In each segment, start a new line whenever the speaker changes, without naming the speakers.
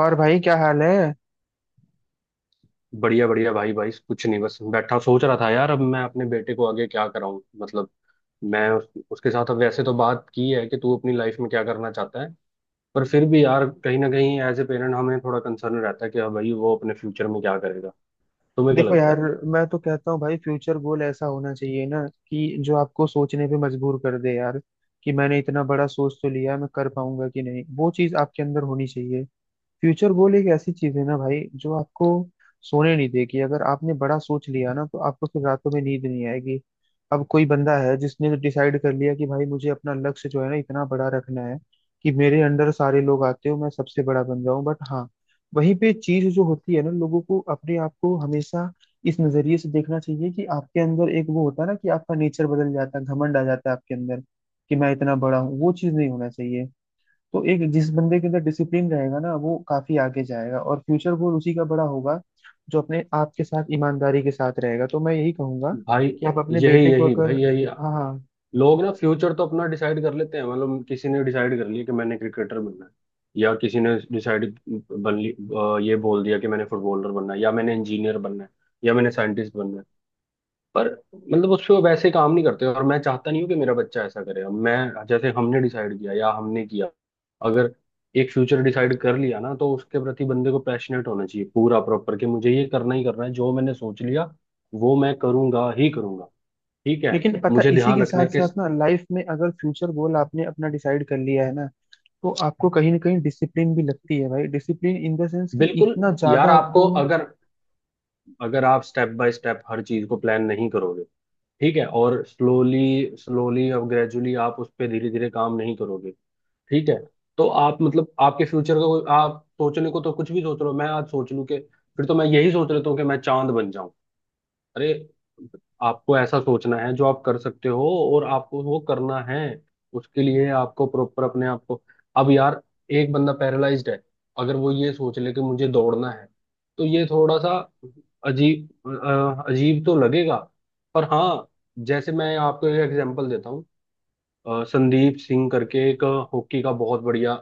और भाई क्या हाल है।
बढ़िया बढ़िया भाई भाई कुछ नहीं, बस बैठा सोच रहा था यार, अब मैं अपने बेटे को आगे क्या कराऊं। मतलब मैं उसके साथ अब वैसे तो बात की है कि तू अपनी लाइफ में क्या करना चाहता है। पर फिर भी यार कहीं ना कहीं एज ए पेरेंट हमें थोड़ा कंसर्न रहता है कि हाँ भाई वो अपने फ्यूचर में क्या करेगा। तुम्हें क्या
देखो
लगता
यार।
है
मैं तो कहता हूँ भाई फ्यूचर गोल ऐसा होना चाहिए ना कि जो आपको सोचने पे मजबूर कर दे यार। कि मैंने इतना बड़ा सोच तो लिया मैं कर पाऊंगा कि नहीं, वो चीज आपके अंदर होनी चाहिए। फ्यूचर गोल एक ऐसी चीज है ना भाई जो आपको सोने नहीं देगी। अगर आपने बड़ा सोच लिया ना तो आपको फिर रातों में नींद नहीं आएगी। अब कोई बंदा है जिसने डिसाइड कर लिया कि भाई मुझे अपना लक्ष्य जो है ना इतना बड़ा रखना है कि मेरे अंडर सारे लोग आते हो, मैं सबसे बड़ा बन जाऊं। बट हाँ, वहीं पे चीज जो होती है ना, लोगों को अपने आप को हमेशा इस नजरिए से देखना चाहिए कि आपके अंदर एक वो होता है ना कि आपका नेचर बदल जाता है, घमंड आ जाता है आपके अंदर कि मैं इतना बड़ा हूँ, वो चीज नहीं होना चाहिए। तो एक जिस बंदे के अंदर डिसिप्लिन रहेगा ना वो काफी आगे जाएगा और फ्यूचर गोल उसी का बड़ा होगा, जो अपने आपके साथ ईमानदारी के साथ रहेगा। तो मैं यही कहूंगा
भाई?
कि आप अपने
यही
बेटे को
यही भाई
अगर।
यही।
हाँ हाँ।
लोग ना फ्यूचर तो अपना डिसाइड कर लेते हैं, मतलब किसी ने डिसाइड कर लिया कि मैंने क्रिकेटर बनना है, या किसी ने डिसाइड बन ली ये बोल दिया कि मैंने फुटबॉलर बनना है या मैंने इंजीनियर बनना है या मैंने साइंटिस्ट बनना है। पर मतलब उस पे वो वैसे काम नहीं करते, और मैं चाहता नहीं हूँ कि मेरा बच्चा ऐसा करे। अब मैं जैसे हमने डिसाइड किया या हमने किया, अगर एक फ्यूचर डिसाइड कर लिया ना, तो उसके प्रति बंदे को पैशनेट होना चाहिए पूरा प्रॉपर, कि मुझे ये करना ही करना है, जो मैंने सोच लिया वो मैं करूंगा ही करूंगा। ठीक है।
लेकिन पता
मुझे
इसी
ध्यान
के
रखना
साथ
है कि
साथ ना, लाइफ में अगर फ्यूचर गोल आपने अपना डिसाइड कर लिया है ना तो आपको कहीं ना कहीं डिसिप्लिन भी लगती है भाई। डिसिप्लिन इन द सेंस कि
बिल्कुल।
इतना ज्यादा
यार
आपको।
आपको अगर, अगर आप स्टेप बाय स्टेप हर चीज को प्लान नहीं करोगे, ठीक है, और स्लोली स्लोली और ग्रेजुअली आप उस पर धीरे धीरे काम नहीं करोगे, ठीक है, तो आप मतलब आपके फ्यूचर का कोई, आप सोचने को तो कुछ भी सोच रहे हो। मैं आज सोच लूं कि, फिर तो मैं यही सोच लेता हूँ कि मैं चांद बन जाऊं। अरे, आपको ऐसा सोचना है जो आप कर सकते हो, और आपको वो करना है। उसके लिए आपको प्रॉपर अपने आप को, अब यार एक बंदा पैरालाइज्ड है, अगर वो ये सोच ले कि मुझे दौड़ना है, तो ये थोड़ा सा अजीब, अजीब तो लगेगा। पर हाँ, जैसे मैं आपको एक एग्जांपल देता हूँ। संदीप सिंह करके एक हॉकी का बहुत बढ़िया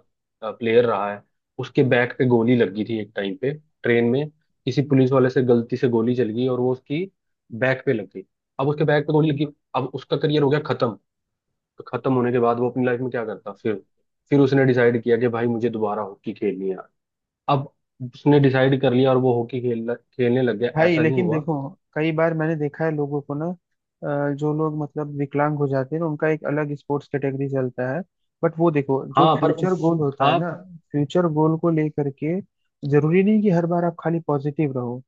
प्लेयर रहा है। उसके बैक पे गोली लग गई थी एक टाइम पे, ट्रेन में किसी पुलिस वाले से गलती से गोली चल गई, और वो उसकी बैक पे लग गई। अब उसके बैक पे गोली लगी, अब उसका करियर हो गया खत्म। तो खत्म होने के बाद वो अपनी लाइफ में क्या करता फिर? फिर उसने डिसाइड किया कि भाई मुझे दोबारा हॉकी खेलनी है। अब उसने डिसाइड कर लिया और वो हॉकी खेल खेलने लग गया,
भाई
ऐसा नहीं
लेकिन
हुआ।
देखो, कई बार मैंने देखा है लोगों को ना, जो लोग मतलब विकलांग हो जाते हैं ना उनका एक अलग स्पोर्ट्स कैटेगरी चलता है। बट वो देखो, जो
हाँ पर,
फ्यूचर गोल होता है
हाँ
ना, फ्यूचर गोल को लेकर के जरूरी नहीं कि हर बार आप खाली पॉजिटिव रहो।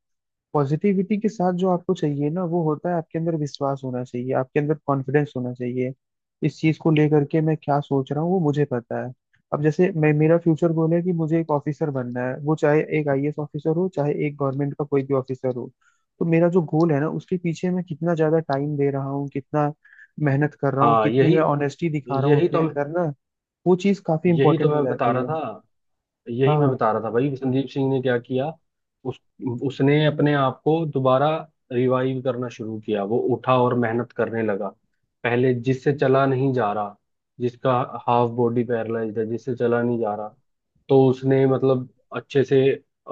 पॉजिटिविटी के साथ जो आपको चाहिए ना वो होता है, आपके अंदर विश्वास होना चाहिए, आपके अंदर कॉन्फिडेंस होना चाहिए। इस चीज को लेकर के मैं क्या सोच रहा हूँ वो मुझे पता है। अब जैसे मैं, मेरा फ्यूचर गोल है कि मुझे एक ऑफिसर बनना है, वो चाहे एक आईएएस ऑफिसर हो चाहे एक गवर्नमेंट का कोई भी ऑफिसर हो। तो मेरा जो गोल है ना उसके पीछे मैं कितना ज्यादा टाइम दे रहा हूँ, कितना मेहनत कर रहा हूँ,
हाँ,
कितनी
यही
मैं ऑनेस्टी दिखा रहा हूँ
यही
अपने
तो मैं,
अंदर ना, वो चीज काफी
यही तो
इंपॉर्टेंट हो
मैं बता
जाती
रहा
है।
था।
हाँ
यही मैं
हाँ।
बता रहा था भाई, संदीप सिंह ने क्या किया। उस उसने अपने आप को दोबारा रिवाइव करना शुरू किया। वो उठा और मेहनत करने लगा। पहले जिससे चला नहीं जा रहा, जिसका हाफ बॉडी पैरालाइज्ड है, जिससे चला नहीं जा रहा, तो उसने मतलब अच्छे से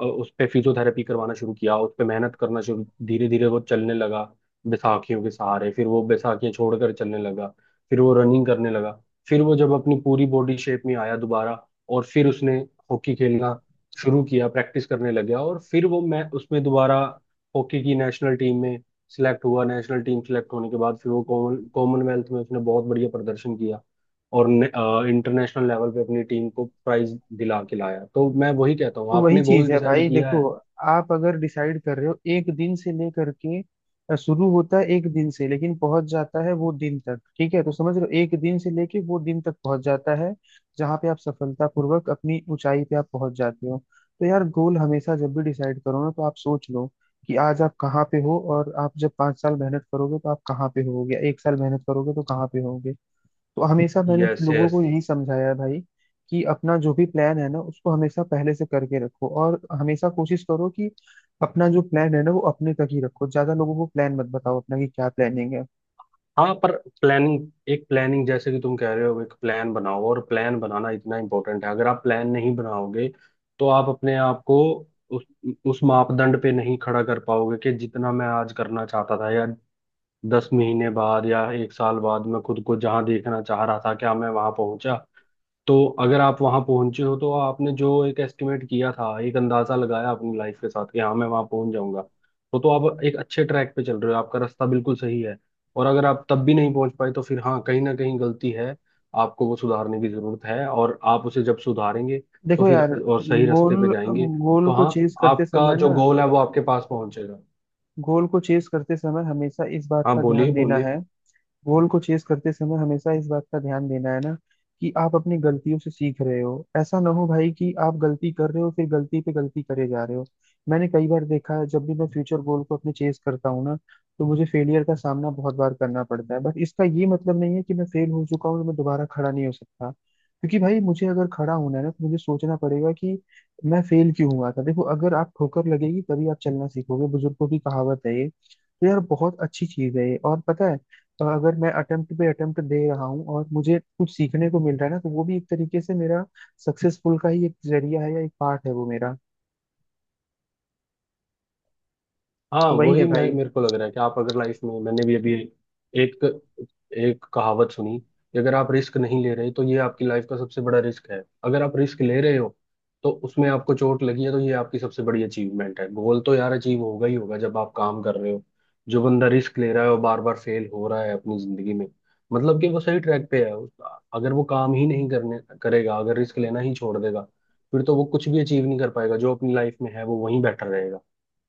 उस पे फिजियोथेरेपी करवाना शुरू किया, उस पे मेहनत करना शुरू, धीरे धीरे वो चलने लगा बैसाखियों के सहारे, फिर वो बैसाखियां छोड़कर चलने लगा, फिर वो रनिंग करने लगा, फिर वो जब अपनी पूरी बॉडी शेप में आया दोबारा, और फिर उसने हॉकी खेलना शुरू किया, प्रैक्टिस करने लग गया, और फिर वो मैं उसमें दोबारा हॉकी की नेशनल टीम में सिलेक्ट हुआ। नेशनल टीम सिलेक्ट होने के बाद फिर वो कॉमनवेल्थ में उसने बहुत बढ़िया प्रदर्शन किया, और इंटरनेशनल लेवल पे अपनी टीम को प्राइज दिला के लाया। तो मैं वही कहता हूँ,
तो वही
आपने गोल
चीज है
डिसाइड
भाई।
किया
देखो,
है।
आप अगर डिसाइड कर रहे हो एक दिन से लेकर के, शुरू होता है एक दिन से लेकिन पहुंच जाता है वो दिन तक। ठीक है, तो समझ लो एक दिन से लेके वो दिन तक पहुंच जाता है जहां पे आप सफलतापूर्वक अपनी ऊंचाई पे आप पहुंच जाते हो। तो यार गोल हमेशा जब भी डिसाइड करो ना तो आप सोच लो कि आज आप कहाँ पे हो, और आप जब 5 साल मेहनत करोगे तो आप कहाँ पे होगे, एक साल मेहनत करोगे तो कहाँ पे होगे। तो हमेशा मैंने
यस
लोगों
यस।
को यही समझाया है भाई कि अपना जो भी प्लान है ना उसको हमेशा पहले से करके रखो, और हमेशा कोशिश करो कि अपना जो प्लान है ना वो अपने तक ही रखो। ज्यादा लोगों को प्लान मत बताओ अपना कि क्या प्लानिंग है।
हाँ पर प्लानिंग, एक प्लानिंग, जैसे कि तुम कह रहे हो, एक प्लान बनाओ। और प्लान बनाना इतना इम्पोर्टेंट है। अगर आप प्लान नहीं बनाओगे तो आप अपने आप को उस उस मापदंड पे नहीं खड़ा कर पाओगे, कि जितना मैं आज करना चाहता था या 10 महीने बाद या 1 साल बाद मैं खुद को जहाँ देखना चाह रहा था, क्या मैं वहां पहुंचा। तो अगर आप वहां पहुंचे हो, तो आपने जो एक एस्टिमेट किया था, एक अंदाजा लगाया अपनी लाइफ के साथ कि हाँ मैं वहां पहुंच जाऊंगा, तो आप एक अच्छे ट्रैक पे चल रहे हो, आपका रास्ता बिल्कुल सही है। और अगर आप तब भी नहीं पहुंच पाए, तो फिर हाँ, कहीं ना कहीं गलती है, आपको वो सुधारने की जरूरत है, और आप उसे जब सुधारेंगे तो
देखो
फिर
यार,
और सही रास्ते पे
गोल
जाएंगे।
गोल
तो
को
हाँ,
चेज करते
आपका
समय
जो
ना,
गोल है वो आपके पास पहुंचेगा।
गोल को चेज करते समय हमेशा इस बात
हाँ
का
बोलिए
ध्यान देना
बोलिए।
है। गोल को चेस करते समय हमेशा इस बात का ध्यान देना है ना कि आप अपनी गलतियों से सीख रहे हो। ऐसा ना हो भाई कि आप गलती कर रहे हो फिर गलती पे गलती करे जा रहे हो। मैंने कई बार देखा है, जब भी मैं फ्यूचर गोल को अपने चेस करता हूँ ना तो मुझे फेलियर का सामना बहुत बार करना पड़ता है। बट इसका ये मतलब नहीं है कि मैं फेल हो चुका हूँ तो मैं दोबारा खड़ा नहीं हो सकता। क्योंकि भाई मुझे अगर खड़ा होना है ना तो मुझे सोचना पड़ेगा कि मैं फेल क्यों हुआ था। देखो, अगर आप ठोकर लगेगी तभी आप चलना सीखोगे, बुजुर्गों की कहावत है ये, तो यार बहुत अच्छी चीज है ये और पता है। तो अगर मैं अटेम्प्ट पे अटेम्प्ट दे रहा हूँ और मुझे कुछ सीखने को मिल रहा है ना तो वो भी एक तरीके से मेरा सक्सेसफुल का ही एक जरिया है या एक पार्ट है वो मेरा।
हाँ
तो वही है
वही, मैं
भाई,
मेरे को लग रहा है कि आप अगर लाइफ में, मैंने भी अभी एक एक कहावत सुनी कि अगर आप रिस्क नहीं ले रहे तो ये आपकी लाइफ का सबसे बड़ा रिस्क है। अगर आप रिस्क ले रहे हो, तो उसमें आपको चोट लगी है, तो ये आपकी सबसे बड़ी अचीवमेंट है। गोल तो यार अचीव होगा ही होगा, जब आप काम कर रहे हो। जो बंदा रिस्क ले रहा है और बार बार फेल हो रहा है अपनी जिंदगी में, मतलब कि वो सही ट्रैक पे है। उस- अगर वो काम ही नहीं करने करेगा, अगर रिस्क लेना ही छोड़ देगा, फिर तो वो कुछ भी अचीव नहीं कर पाएगा जो अपनी लाइफ में है, वो वहीं बैठा रहेगा।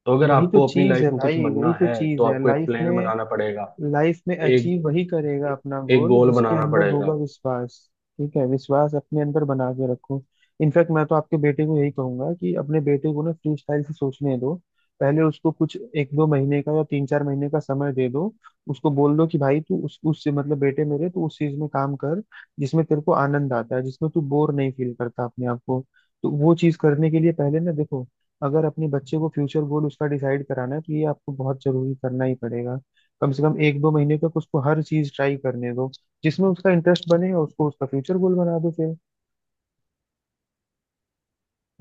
तो अगर
वही तो
आपको अपनी
चीज है
लाइफ में कुछ
भाई,
बनना
वही तो
है, तो
चीज है
आपको एक
लाइफ
प्लान
में।
बनाना पड़ेगा,
लाइफ में
एक
अचीव वही करेगा अपना
एक
गोल,
गोल
जिसके
बनाना
अंदर होगा
पड़ेगा।
विश्वास। ठीक है, विश्वास अपने अंदर बना के रखो। इनफैक्ट मैं तो आपके बेटे को यही कहूंगा कि अपने बेटे को ना फ्री स्टाइल से सोचने दो। पहले उसको कुछ एक दो महीने का या तीन चार महीने का समय दे दो। उसको बोल दो कि भाई तू उस उससे मतलब बेटे मेरे तू उस चीज में काम कर जिसमें तेरे को आनंद आता है, जिसमें तू बोर नहीं फील करता अपने आप को। तो वो चीज करने के लिए पहले ना, देखो, अगर अपने बच्चे को फ्यूचर गोल उसका डिसाइड कराना है तो ये आपको बहुत जरूरी करना ही पड़ेगा। कम से कम एक दो महीने तक उसको हर चीज ट्राई करने दो जिसमें उसका इंटरेस्ट बने, और उसको उसका फ्यूचर गोल बना दो फिर।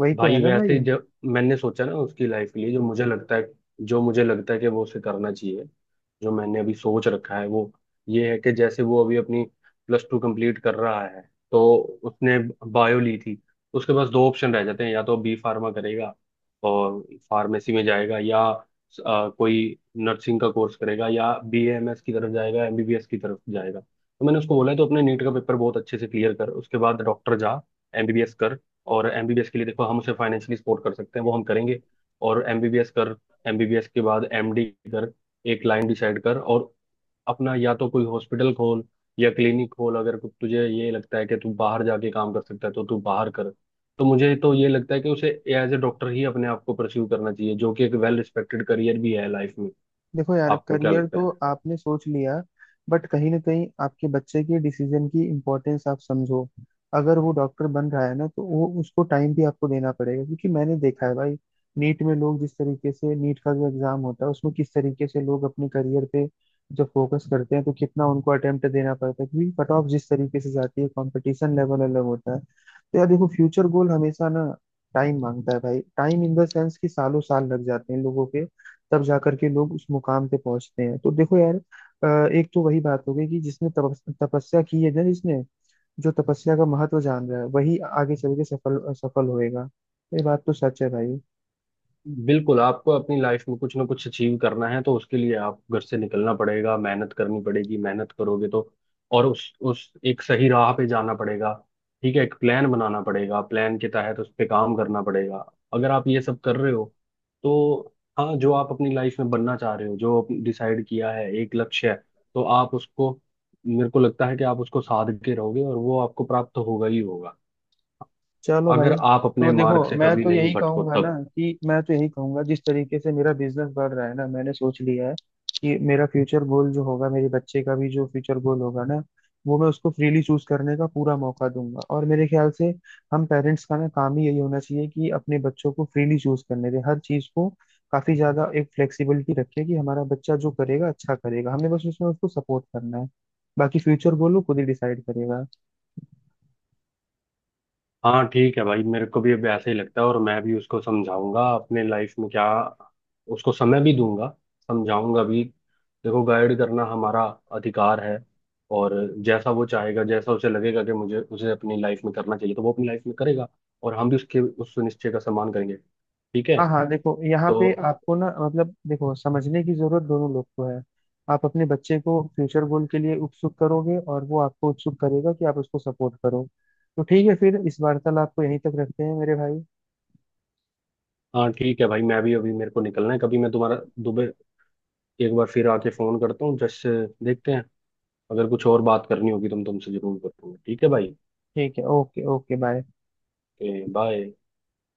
वही तो है
भाई
ना भाई।
वैसे जब मैंने सोचा ना उसकी लाइफ के लिए, जो मुझे लगता है, जो मुझे लगता है कि वो उसे करना चाहिए, जो मैंने अभी सोच रखा है वो ये है कि जैसे वो अभी अपनी प्लस टू कंप्लीट कर रहा है, तो उसने बायो ली थी। उसके पास दो ऑप्शन रह जाते हैं, या तो बी फार्मा करेगा और फार्मेसी में जाएगा, या कोई नर्सिंग का कोर्स करेगा, या BMS की तरफ जाएगा, एमबीबीएस की तरफ जाएगा। तो मैंने उसको बोला है, तो अपने नीट का पेपर बहुत अच्छे से क्लियर कर, उसके बाद डॉक्टर जा, एमबीबीएस कर। और एमबीबीएस के लिए देखो हम उसे फाइनेंशियली सपोर्ट कर सकते हैं, वो हम करेंगे। और एमबीबीएस कर, एमबीबीएस के बाद एमडी कर, एक लाइन डिसाइड कर, और अपना या तो कोई हॉस्पिटल खोल या क्लिनिक खोल। अगर कु- तुझे ये लगता है कि तू बाहर जाके काम कर सकता है, तो तू बाहर कर। तो मुझे तो ये लगता है कि उसे एज ए डॉक्टर ही अपने आप को परस्यू करना चाहिए, जो कि एक वेल रिस्पेक्टेड करियर भी है लाइफ में।
देखो यार,
आपको क्या
करियर
लगता
तो
है?
आपने सोच लिया बट कहीं ना कहीं आपके बच्चे के डिसीजन की इम्पोर्टेंस आप समझो। अगर वो डॉक्टर बन रहा है ना तो वो उसको टाइम भी आपको देना पड़ेगा, क्योंकि मैंने देखा है भाई, नीट में लोग जिस तरीके से, नीट का जो एग्जाम होता है उसमें किस तरीके से लोग अपने करियर पे जब फोकस करते हैं तो कितना उनको अटेम्प्ट देना पड़ता है, क्योंकि कट ऑफ जिस तरीके से जाती है कंपटीशन लेवल अलग होता है। तो यार देखो, फ्यूचर गोल हमेशा ना टाइम मांगता है भाई। टाइम इन द सेंस कि सालों साल लग जाते हैं लोगों के, तब जाकर के लोग उस मुकाम पे पहुंचते हैं। तो देखो यार, एक तो वही बात हो गई कि जिसने तपस्या की है ना, जिसने जो तपस्या का महत्व जान रहा है, वही आगे चल के सफल सफल होएगा। ये बात तो सच है भाई।
बिल्कुल, आपको अपनी लाइफ में कुछ ना कुछ अचीव करना है, तो उसके लिए आप घर से निकलना पड़ेगा, मेहनत करनी पड़ेगी, मेहनत करोगे तो, और उस एक सही राह पे जाना पड़ेगा। ठीक है, एक प्लान बनाना पड़ेगा, प्लान के तहत उस पे काम करना पड़ेगा। अगर आप ये सब कर रहे हो, तो हाँ, जो आप अपनी लाइफ में बनना चाह रहे हो, जो डिसाइड किया है, एक लक्ष्य है, तो आप उसको, मेरे को लगता है कि आप उसको साध के रहोगे और वो आपको प्राप्त होगा ही होगा,
चलो
अगर
भाई।
आप अपने
तो देखो,
मार्ग से
मैं
कभी
तो
नहीं
यही
भटको
कहूंगा ना
तब।
कि मैं तो यही कहूंगा जिस तरीके से मेरा बिजनेस बढ़ रहा है ना, मैंने सोच लिया है कि मेरा फ्यूचर गोल जो होगा, मेरे बच्चे का भी जो फ्यूचर गोल होगा ना, वो मैं उसको फ्रीली चूज करने का पूरा मौका दूंगा। और मेरे ख्याल से हम पेरेंट्स का ना काम ही यही होना चाहिए कि अपने बच्चों को फ्रीली चूज करने दें हर चीज को। काफी ज्यादा एक फ्लेक्सिबिलिटी रखें कि हमारा बच्चा जो करेगा अच्छा करेगा, हमें बस उसमें उसको सपोर्ट करना है। बाकी फ्यूचर गोल वो खुद ही डिसाइड करेगा।
हाँ ठीक है भाई, मेरे को भी अब ऐसे ही लगता है, और मैं भी उसको समझाऊंगा अपने लाइफ में क्या, उसको समय भी दूंगा, समझाऊंगा भी। देखो, गाइड करना हमारा अधिकार है, और जैसा वो चाहेगा, जैसा उसे लगेगा कि मुझे उसे अपनी लाइफ में करना चाहिए, तो वो अपनी लाइफ में करेगा, और हम भी उसके उस निश्चय का सम्मान करेंगे। ठीक है
हाँ हाँ। देखो, यहाँ पे
तो।
आपको ना मतलब, देखो, समझने की जरूरत दोनों लोग को है। आप अपने बच्चे को फ्यूचर गोल के लिए उत्सुक करोगे और वो आपको उत्सुक करेगा कि आप उसको सपोर्ट करो। तो ठीक है, फिर इस वार्तालाप को यहीं तक रखते हैं मेरे भाई।
हाँ ठीक है भाई, मैं भी अभी मेरे को निकलना है। कभी मैं तुम्हारा दुबे एक बार फिर आके फोन करता हूँ, जस्ट देखते हैं, अगर कुछ और बात करनी होगी तो मैं तुमसे जरूर करूंगा। ठीक है भाई।
ठीक है, ओके ओके बाय।
बाय।